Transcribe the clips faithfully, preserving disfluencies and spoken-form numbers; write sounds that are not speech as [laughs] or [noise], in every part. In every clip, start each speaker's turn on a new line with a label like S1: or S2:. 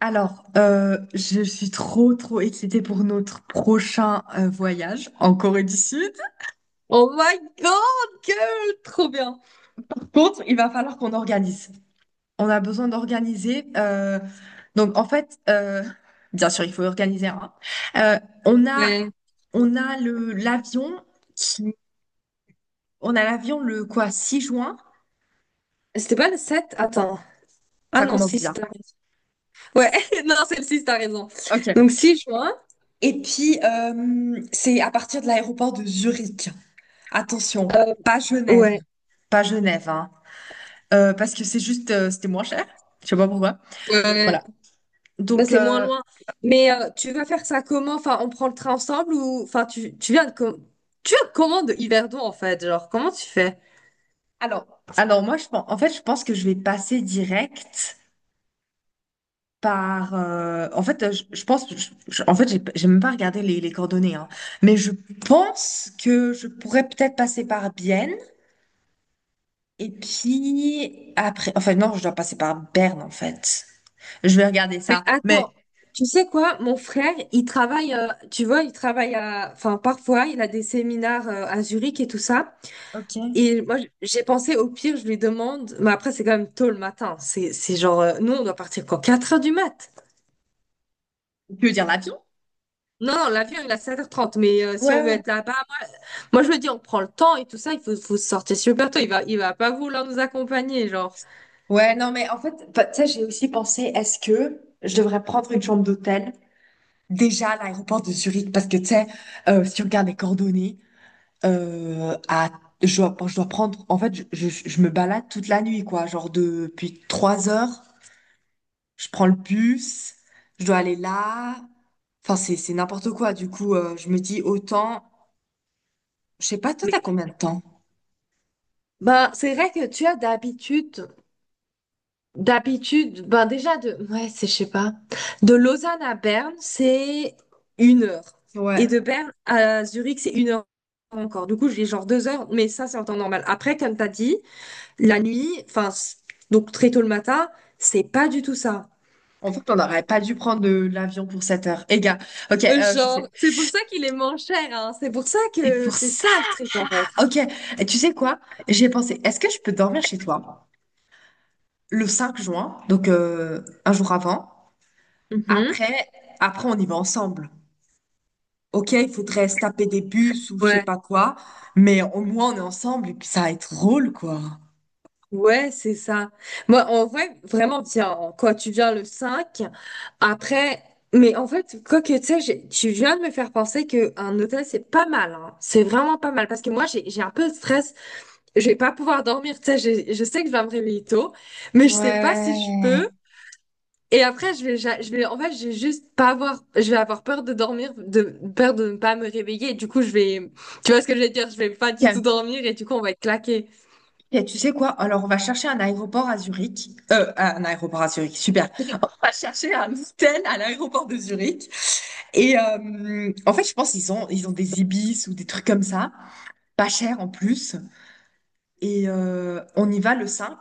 S1: Alors, euh, je suis trop, trop excitée pour notre prochain euh, voyage en Corée du Sud.
S2: Oh my god, girl! Trop bien.
S1: Contre, il va falloir qu'on organise. On a besoin d'organiser. Euh, donc, en fait, euh, bien sûr, il faut organiser un. Euh, on a,
S2: Ouais.
S1: on a le l'avion qui, on a l'avion le quoi, Six juin.
S2: C'était pas le sept. Attends. Ah
S1: Ça
S2: non,
S1: commence
S2: six.
S1: bien.
S2: T'as raison. Ouais, [laughs] non, c'est le six. T'as raison.
S1: Ok.
S2: Donc six juin.
S1: Et puis, euh, c'est à partir de l'aéroport de Zurich. Attention,
S2: euh,
S1: pas Genève.
S2: ouais.
S1: Pas Genève, hein. Euh, parce que c'est juste, euh, c'était moins cher. Je sais pas pourquoi.
S2: Ouais.
S1: Voilà.
S2: Bah,
S1: Donc,
S2: c'est moins
S1: euh,
S2: loin. Mais euh, tu vas faire ça comment? Enfin, on prend le train ensemble ou. Enfin, tu, tu viens de... com- Tu viens de comment de Yverdon, en fait? Genre, comment tu fais?
S1: alors, alors moi, je pense, en fait, je pense que je vais passer direct par. Euh, en fait, euh, je, je pense, je- je- en fait, j'ai j'ai même pas regardé les, les coordonnées, hein. Mais je pense que je pourrais peut-être passer par Bienne et puis après. Enfin, non, je dois passer par Berne, en fait. Je vais regarder
S2: Mais
S1: ça. Mais
S2: attends, tu sais quoi? Mon frère, il travaille, euh, tu vois, il travaille à. Enfin, parfois, il a des séminaires euh, à Zurich et tout ça.
S1: ok.
S2: Et moi, j'ai pensé au pire, je lui demande, mais après, c'est quand même tôt le matin. C'est, c'est genre, euh, nous, on doit partir quand quatre heures du mat.
S1: Tu veux dire l'avion?
S2: Non, non, l'avion, il est à sept heures trente, mais euh, si
S1: Ouais,
S2: on veut
S1: ouais,
S2: être là-bas, moi, je me dis, on prend le temps et tout ça, il faut, faut sortir super tôt. Il va, il va pas vouloir nous accompagner, genre.
S1: Ouais, non, mais en fait, bah, tu sais, j'ai aussi pensé, est-ce que je devrais prendre une chambre d'hôtel? Déjà, à l'aéroport de Zurich, parce que tu sais, euh, si on regarde les coordonnées, euh, à, je dois, je dois prendre, en fait, je, je, je me balade toute la nuit, quoi. Genre, depuis trois heures, je prends le bus, je dois aller là. Enfin, c'est, c'est n'importe quoi. Du coup, euh, je me dis autant, je sais pas, toi, t'as
S2: Mais,
S1: combien de temps?
S2: ben, c'est vrai que tu as d'habitude, d'habitude, ben, déjà de, ouais, c'est, je sais pas, de Lausanne à Berne, c'est une heure. Et
S1: Ouais.
S2: de Berne à Zurich, c'est une heure encore. Du coup, j'ai genre deux heures, mais ça, c'est en temps normal. Après, comme t'as dit, la nuit, enfin, c- donc très tôt le matin, c'est pas du tout ça.
S1: En fait, on n'aurait pas dû prendre de l'avion pour sept heures. Eh gars, ok,
S2: Euh,
S1: euh, je
S2: Genre,
S1: sais.
S2: c'est pour ça qu'il est moins cher, hein. C'est pour ça
S1: C'est
S2: que
S1: pour
S2: c'est
S1: ça.
S2: ça le trick, en fait.
S1: Ok. Et tu sais quoi? J'ai pensé, est-ce que je peux dormir chez toi? Le cinq juin, donc euh, un jour avant.
S2: Mhm.
S1: Après, après, on y va ensemble. Ok, il faudrait se taper des bus ou je sais
S2: Ouais,
S1: pas quoi, mais au moins on est ensemble et puis ça va être drôle, quoi.
S2: ouais, c'est ça. Moi, en vrai, vraiment, tiens, quoi tu viens le cinq après, mais en fait, quoi que tu sais, j'ai- tu viens de me faire penser qu'un hôtel, c'est pas mal, hein. C'est vraiment pas mal, parce que moi, j'ai, j'ai un peu de stress. Je vais pas pouvoir dormir, tu sais, j'ai- je sais que je vais me réveiller tôt, mais je sais pas si je peux.
S1: Ouais.
S2: Et après, je vais, ja- je vais, en fait, je vais juste pas avoir, je vais avoir peur de dormir, de peur de ne pas me réveiller. Et du coup, je vais, tu vois ce que je vais dire, je vais pas du tout
S1: Tiens,
S2: dormir et du coup, on va être claqué.
S1: tiens, tu sais quoi? Alors, on va chercher un aéroport à Zurich. Euh, un aéroport à Zurich, super. [laughs] On va chercher un hôtel à l'aéroport de Zurich. Et euh, en fait, je pense qu'ils ont, ils ont des ibis ou des trucs comme ça, pas cher en plus. Et euh, on y va le cinq.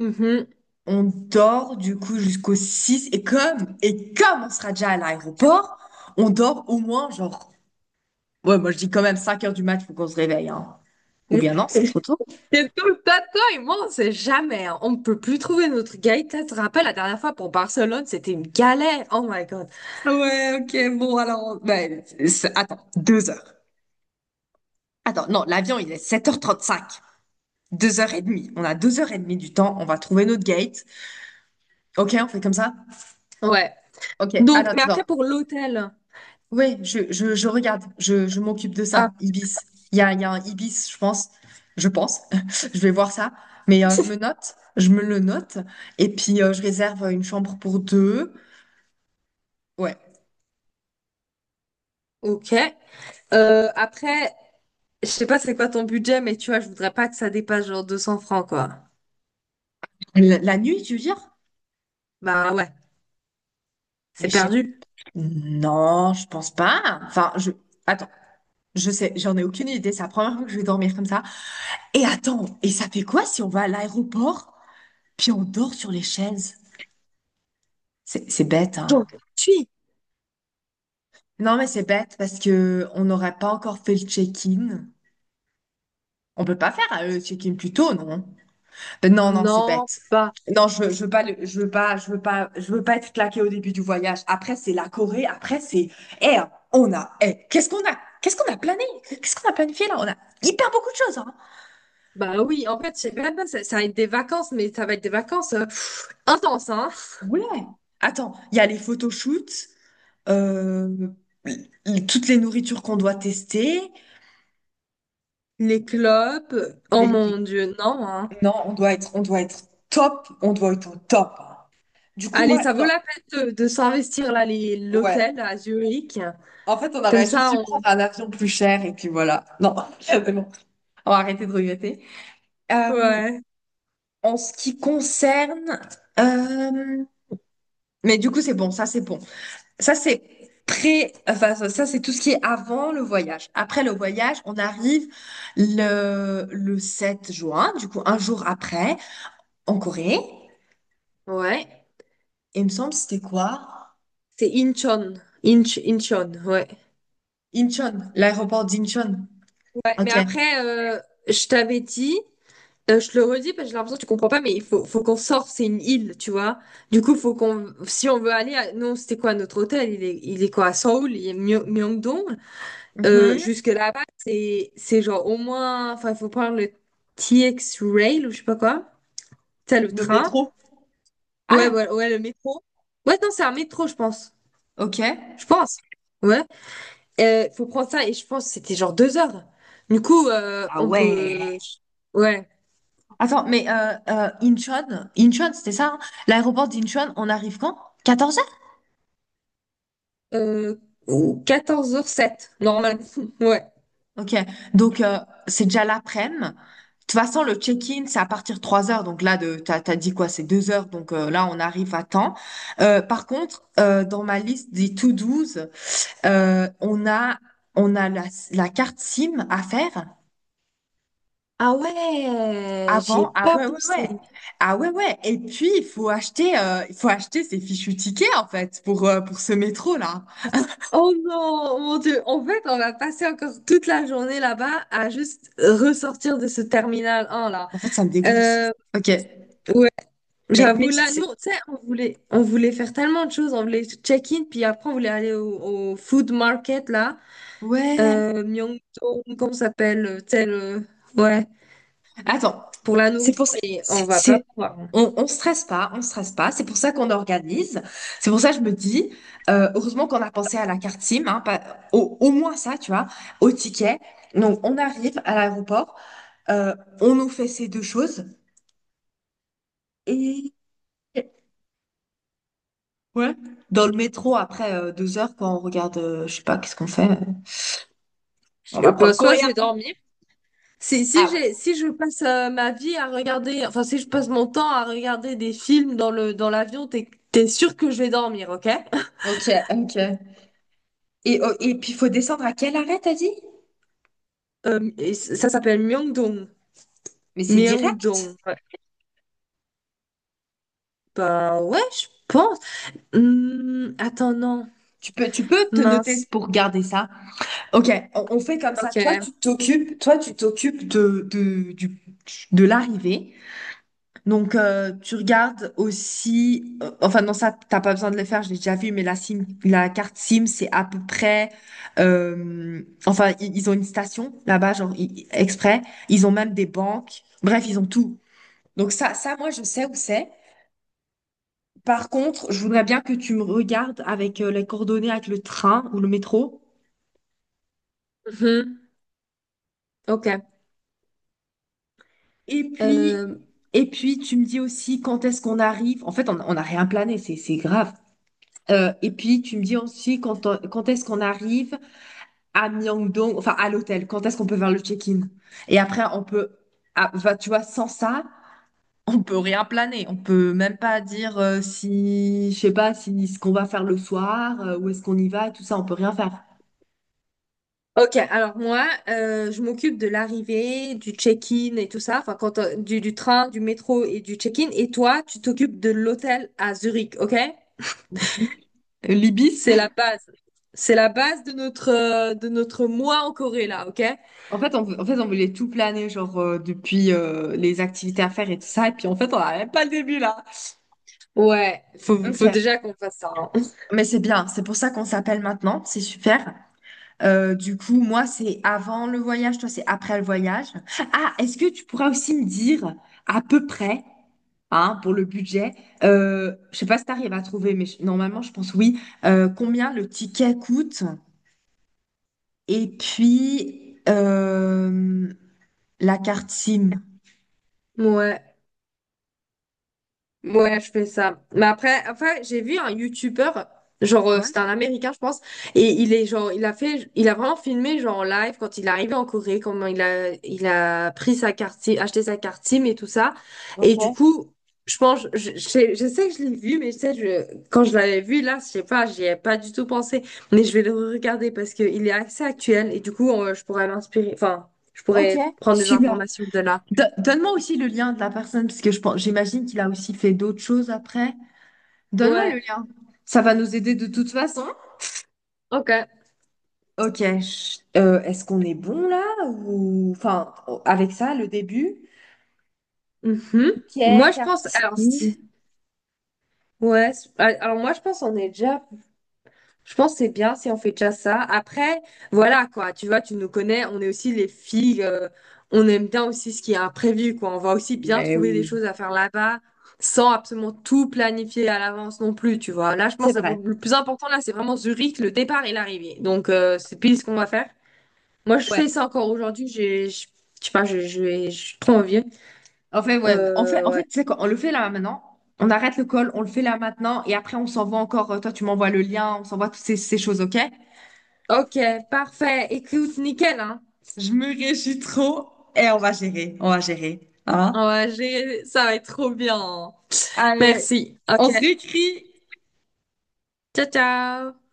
S2: Mhm.
S1: On dort du coup jusqu'au six et comme et comme on sera déjà à l'aéroport, on dort au moins genre ouais, moi je dis quand même cinq heures du mat, faut qu'on se réveille hein. Ou bien non, c'est trop tôt.
S2: C'est tout le tas de toi et moi, on sait jamais, hein. On ne peut plus trouver notre guide. Tu te rappelles, la dernière fois pour Barcelone, c'était une galère. Oh my God.
S1: Ah ouais, ok, bon, alors, ben, c'est- attends, deux heures. Attends, non, l'avion il est sept heures trente-cinq. deux heures trente. On a deux heures trente du temps, on va trouver notre gate. Ok, on fait comme ça?
S2: Ouais.
S1: Ok,
S2: Donc, mais
S1: attends,
S2: après,
S1: attends.
S2: pour l'hôtel.
S1: Oui, je, je, je regarde, je, je m'occupe de
S2: Ah,
S1: ça, Ibis. Il y a, il y a un Ibis, je pense. Je pense. [laughs] Je vais voir ça. Mais euh, je me note, je me le note. Et puis, euh, je réserve une chambre pour deux. Ouais.
S2: ok. Euh, après, je sais pas c'est quoi ton budget, mais tu vois, je voudrais pas que ça dépasse genre deux cents francs, quoi.
S1: La, la nuit, tu veux dire?
S2: Bah ouais,
S1: Mais
S2: c'est
S1: je sais.
S2: perdu.
S1: Non, je pense pas. Enfin, je. Attends, je sais, j'en ai aucune idée. C'est la première fois que je vais dormir comme ça. Et attends, et ça fait quoi si on va à l'aéroport, puis on dort sur les chaises? C'est c'est bête,
S2: J'aurais
S1: hein.
S2: tué.
S1: Non, mais c'est bête parce que on n'aurait pas encore fait le check-in. On peut pas faire euh, le check-in plus tôt, non? Ben non, non, c'est
S2: Non,
S1: bête.
S2: pas.
S1: Non, je veux, je veux pas, le- je veux pas, je veux pas, je veux pas être claqué au début du voyage. Après, c'est la Corée. Après, c'est, eh, on a, eh, qu'est-ce qu'on a, qu'est-ce qu'on a plané, qu'est-ce qu'on a planifié là? On a hyper beaucoup de choses, hein.
S2: Bah oui, en fait, je sais même pas, ça, ça va être des vacances, mais ça va être des vacances euh, pff, intenses, hein.
S1: Ouais. Attends, il y a les photoshoots, euh, l- toutes les nourritures qu'on doit tester.
S2: Les clubs, oh mon
S1: les-
S2: Dieu, non, hein.
S1: Non, on doit être, on doit être top, on doit être au top. Hein. Du coup,
S2: Allez,
S1: moi,
S2: ça vaut
S1: non,
S2: la peine de, de s'investir là, les,
S1: ouais.
S2: l'hôtel à Zurich.
S1: En fait, on
S2: Comme
S1: aurait juste
S2: ça,
S1: dû
S2: on.
S1: prendre un avion plus cher et puis voilà. Non, [laughs] c'est bon. On va arrêter de regretter. Euh,
S2: Ouais.
S1: En ce qui concerne, euh, mais du coup, c'est bon. Ça, c'est bon. Ça, c'est pré. Enfin, ça, ça, c'est tout ce qui est avant le voyage. Après le voyage, on arrive le le sept juin. Du coup, un jour après, en Corée.
S2: Ouais.
S1: Et il me semble, c'était quoi?
S2: C'est Incheon. Inch, Incheon, ouais.
S1: Incheon, l'aéroport d'Incheon.
S2: Ouais, mais
S1: Ok.
S2: après, euh, je t'avais dit, euh, je te le redis parce que j'ai l'impression que tu comprends pas, mais il faut, faut qu'on sorte, c'est une île, tu vois. Du coup, faut qu'on, si on veut aller, à... Non, c'était quoi notre hôtel? Il est, il est quoi à Seoul, il est Myo- Myeongdong. Euh,
S1: Mhm.
S2: jusque là-bas, c'est, c'est genre au moins, enfin, il faut prendre le T X Rail ou je sais pas quoi. T'as le
S1: Le
S2: train.
S1: métro.
S2: Ouais,
S1: Ah,
S2: ouais, ouais, le métro. Ouais, non, c'est un métro, je pense.
S1: ok.
S2: Je pense. Ouais. Euh, faut prendre ça et je pense que c'était genre deux heures. Du coup, euh,
S1: Ah
S2: on peut.
S1: ouais.
S2: Ouais.
S1: Attends, mais euh, euh, Incheon, Incheon, c'était ça, hein. L'aéroport d'Incheon, on arrive quand? Quatorze heures?
S2: Euh, quatorze heures sept, normalement. [laughs] Ouais.
S1: Ok, donc euh, c'est déjà l'après-midi. De toute façon, le check-in, c'est à partir de trois heures. Donc là, de, t'as, t'as dit quoi? C'est deux heures. Donc euh, là, on arrive à temps. Euh, par contre, euh, dans ma liste des to douze, euh, on a, on a la, la carte S I M à faire
S2: Ah ouais, j'y ai
S1: avant. Ah
S2: pas
S1: ouais, ouais, ouais.
S2: pensé.
S1: Ah ouais, ouais. Et puis, il faut acheter, euh, il faut acheter ces fichus tickets, en fait, pour, euh, pour ce métro-là.
S2: Oh non, mon Dieu. En fait, on va passer encore toute la journée là-bas à juste ressortir de ce terminal un là.
S1: En fait, ça me dégoûte.
S2: Euh,
S1: Ok.
S2: ouais,
S1: Mais,
S2: j'avoue
S1: mais
S2: là,
S1: c'est...
S2: nous, tu sais, on voulait, on voulait faire tellement de choses. On voulait check-in, puis après on voulait aller au, au food market là,
S1: Ouais.
S2: euh, Myeongdong, comment ça s'appelle, tel, ouais,
S1: Attends.
S2: pour la nourriture. Mais on
S1: C'est,
S2: va pas
S1: c'est...
S2: pouvoir, hein.
S1: On, on stresse pas, on stresse pas. C'est pour ça qu'on organise. C'est pour ça que je me dis, euh, heureusement qu'on a pensé à la carte S I M, hein, pas- au, au moins ça, tu vois, au ticket. Donc, on arrive à l'aéroport, euh, on nous fait ces deux choses. Et ouais. Dans le métro, après euh, deux heures, quand on regarde, euh, je sais pas, qu'est-ce qu'on fait? euh, On
S2: Je-
S1: va prendre
S2: bah,
S1: le
S2: soit
S1: courrier.
S2: je vais dormir. Si, si
S1: Ah
S2: j'ai, si je passe euh, ma vie à regarder, enfin, si je passe mon temps à regarder des films dans le, dans l'avion, t'es, t'es sûr que je vais dormir, ok?
S1: ouais. Ok, ok. Et, oh, et puis, il faut descendre à quel arrêt, t'as dit?
S2: Euh, et c- ça s'appelle Myeongdong.
S1: Mais c'est direct.
S2: Myeongdong. Ouais. Bah ouais, je pense. Hmm, attends, non.
S1: Tu peux, tu peux te noter
S2: Mince.
S1: pour garder ça. Ok, on, on fait comme ça. Toi,
S2: Ok.
S1: tu t'occupes, toi, tu t'occupes de, de, du- de l'arrivée. Donc, euh, tu regardes aussi. Euh, enfin, non, ça, t'as pas besoin de le faire. Je l'ai déjà vu, mais la SIM, la carte S I M, c'est à peu près. Euh, enfin, i- ils ont une station là-bas, genre i- exprès. Ils ont même des banques. Bref, ils ont tout. Donc ça, ça, moi, je sais où c'est. Par contre, je voudrais bien que tu me regardes avec euh, les coordonnées avec le train ou le métro.
S2: Mhm. Ok.
S1: Et puis,
S2: Euh,
S1: et puis tu me dis aussi quand est-ce qu'on arrive. En fait, on on n'a rien plané, c'est c'est grave. Euh, et puis tu me dis aussi quand, on- quand est-ce qu'on arrive à Myeongdong, enfin à l'hôtel. Quand est-ce qu'on peut faire le check-in. Et après, on peut, ah, enfin, tu vois, sans ça, on peut rien planer. On peut même pas dire euh, si, je sais pas, si ce qu'on va faire le soir, euh, où est-ce qu'on y va, et tout ça, on peut rien faire.
S2: ok, alors moi, euh, je m'occupe de l'arrivée, du check-in et tout ça, enfin, quand, euh, du, du train, du métro et du check-in. Et toi, tu t'occupes de l'hôtel à Zurich, ok?
S1: Libis.
S2: C'est la base. C'est la base de notre, euh, de notre mois en Corée, là, ok?
S1: En fait, on, en fait, on voulait tout planer, genre, euh, depuis euh, les activités à faire et tout ça. Et puis, en fait, on n'a même pas le début, là.
S2: Ouais, faut,
S1: Ok,
S2: faut déjà qu'on fasse ça, hein.
S1: mais c'est bien. C'est pour ça qu'on s'appelle maintenant. C'est super. Euh, du coup, moi, c'est avant le voyage. Toi, c'est après le voyage. Ah, est-ce que tu pourras aussi me dire à peu près, hein, pour le budget, euh, je sais pas si t'arrives à trouver, mais je- normalement, je pense oui, euh, combien le ticket coûte et puis euh, la carte S I M.
S2: Ouais. Ouais, je fais ça. Mais après, après, j'ai vu un youtubeur, genre euh,
S1: Ouais,
S2: c'était un Américain, je pense, et il est genre, il a fait, il a vraiment filmé genre en live quand il est arrivé en Corée, comment il a, il a pris sa carte SIM, acheté sa carte SIM et tout ça.
S1: ok.
S2: Et du coup, je pense, je, je sais je sais que je l'ai vu, mais je sais, je, quand je l'avais vu là, je sais pas, j'y ai pas du tout pensé. Mais je vais le regarder parce que il est assez actuel et du coup, euh, je pourrais m'inspirer, enfin, je
S1: Ok,
S2: pourrais prendre des
S1: super.
S2: informations de là.
S1: Do- Donne-moi aussi le lien de la personne, parce que je pense, j'imagine qu'il a aussi fait d'autres choses après. Donne-moi
S2: Ouais,
S1: le lien. Ça va nous aider de toute façon.
S2: ok.
S1: Ok, je- euh, est-ce qu'on est bon là ou enfin avec ça le début?
S2: Mhm.
S1: Ok,
S2: Moi, je pense, alors,
S1: Cartier.
S2: si, ouais, c'est- ah, alors moi, je pense on est déjà, je pense que c'est bien si on fait déjà ça. Après, voilà, quoi, tu vois, tu nous connais, on est aussi les filles, euh, on aime bien aussi ce qui est imprévu, quoi. On va aussi bien
S1: Ouais,
S2: trouver des
S1: oui,
S2: choses à faire là-bas, sans absolument tout planifier à l'avance non plus, tu vois. Là, je
S1: c'est
S2: pense que
S1: vrai.
S2: le plus important, là, c'est vraiment Zurich, le départ et l'arrivée. Donc, euh, c'est pile ce qu'on va faire. Moi, je fais
S1: Ouais.
S2: ça encore aujourd'hui, j'ai, je je sais pas, je, je, vais- je suis trop envie.
S1: En fait, ouais. En fait,
S2: Euh,
S1: en fait,
S2: ouais.
S1: tu sais quoi, on le fait là maintenant. On arrête le call, on le fait là maintenant, et après on s'envoie encore. euh, Toi, tu m'envoies le lien, on s'envoie toutes ces, ces choses, ok?
S2: Ok, parfait. Écoute, nickel, hein?
S1: Je me réjouis trop et on va gérer, on va gérer. Hein.
S2: Ouais, j'ai... ça va être trop bien. Merci. Ok, ciao, ciao.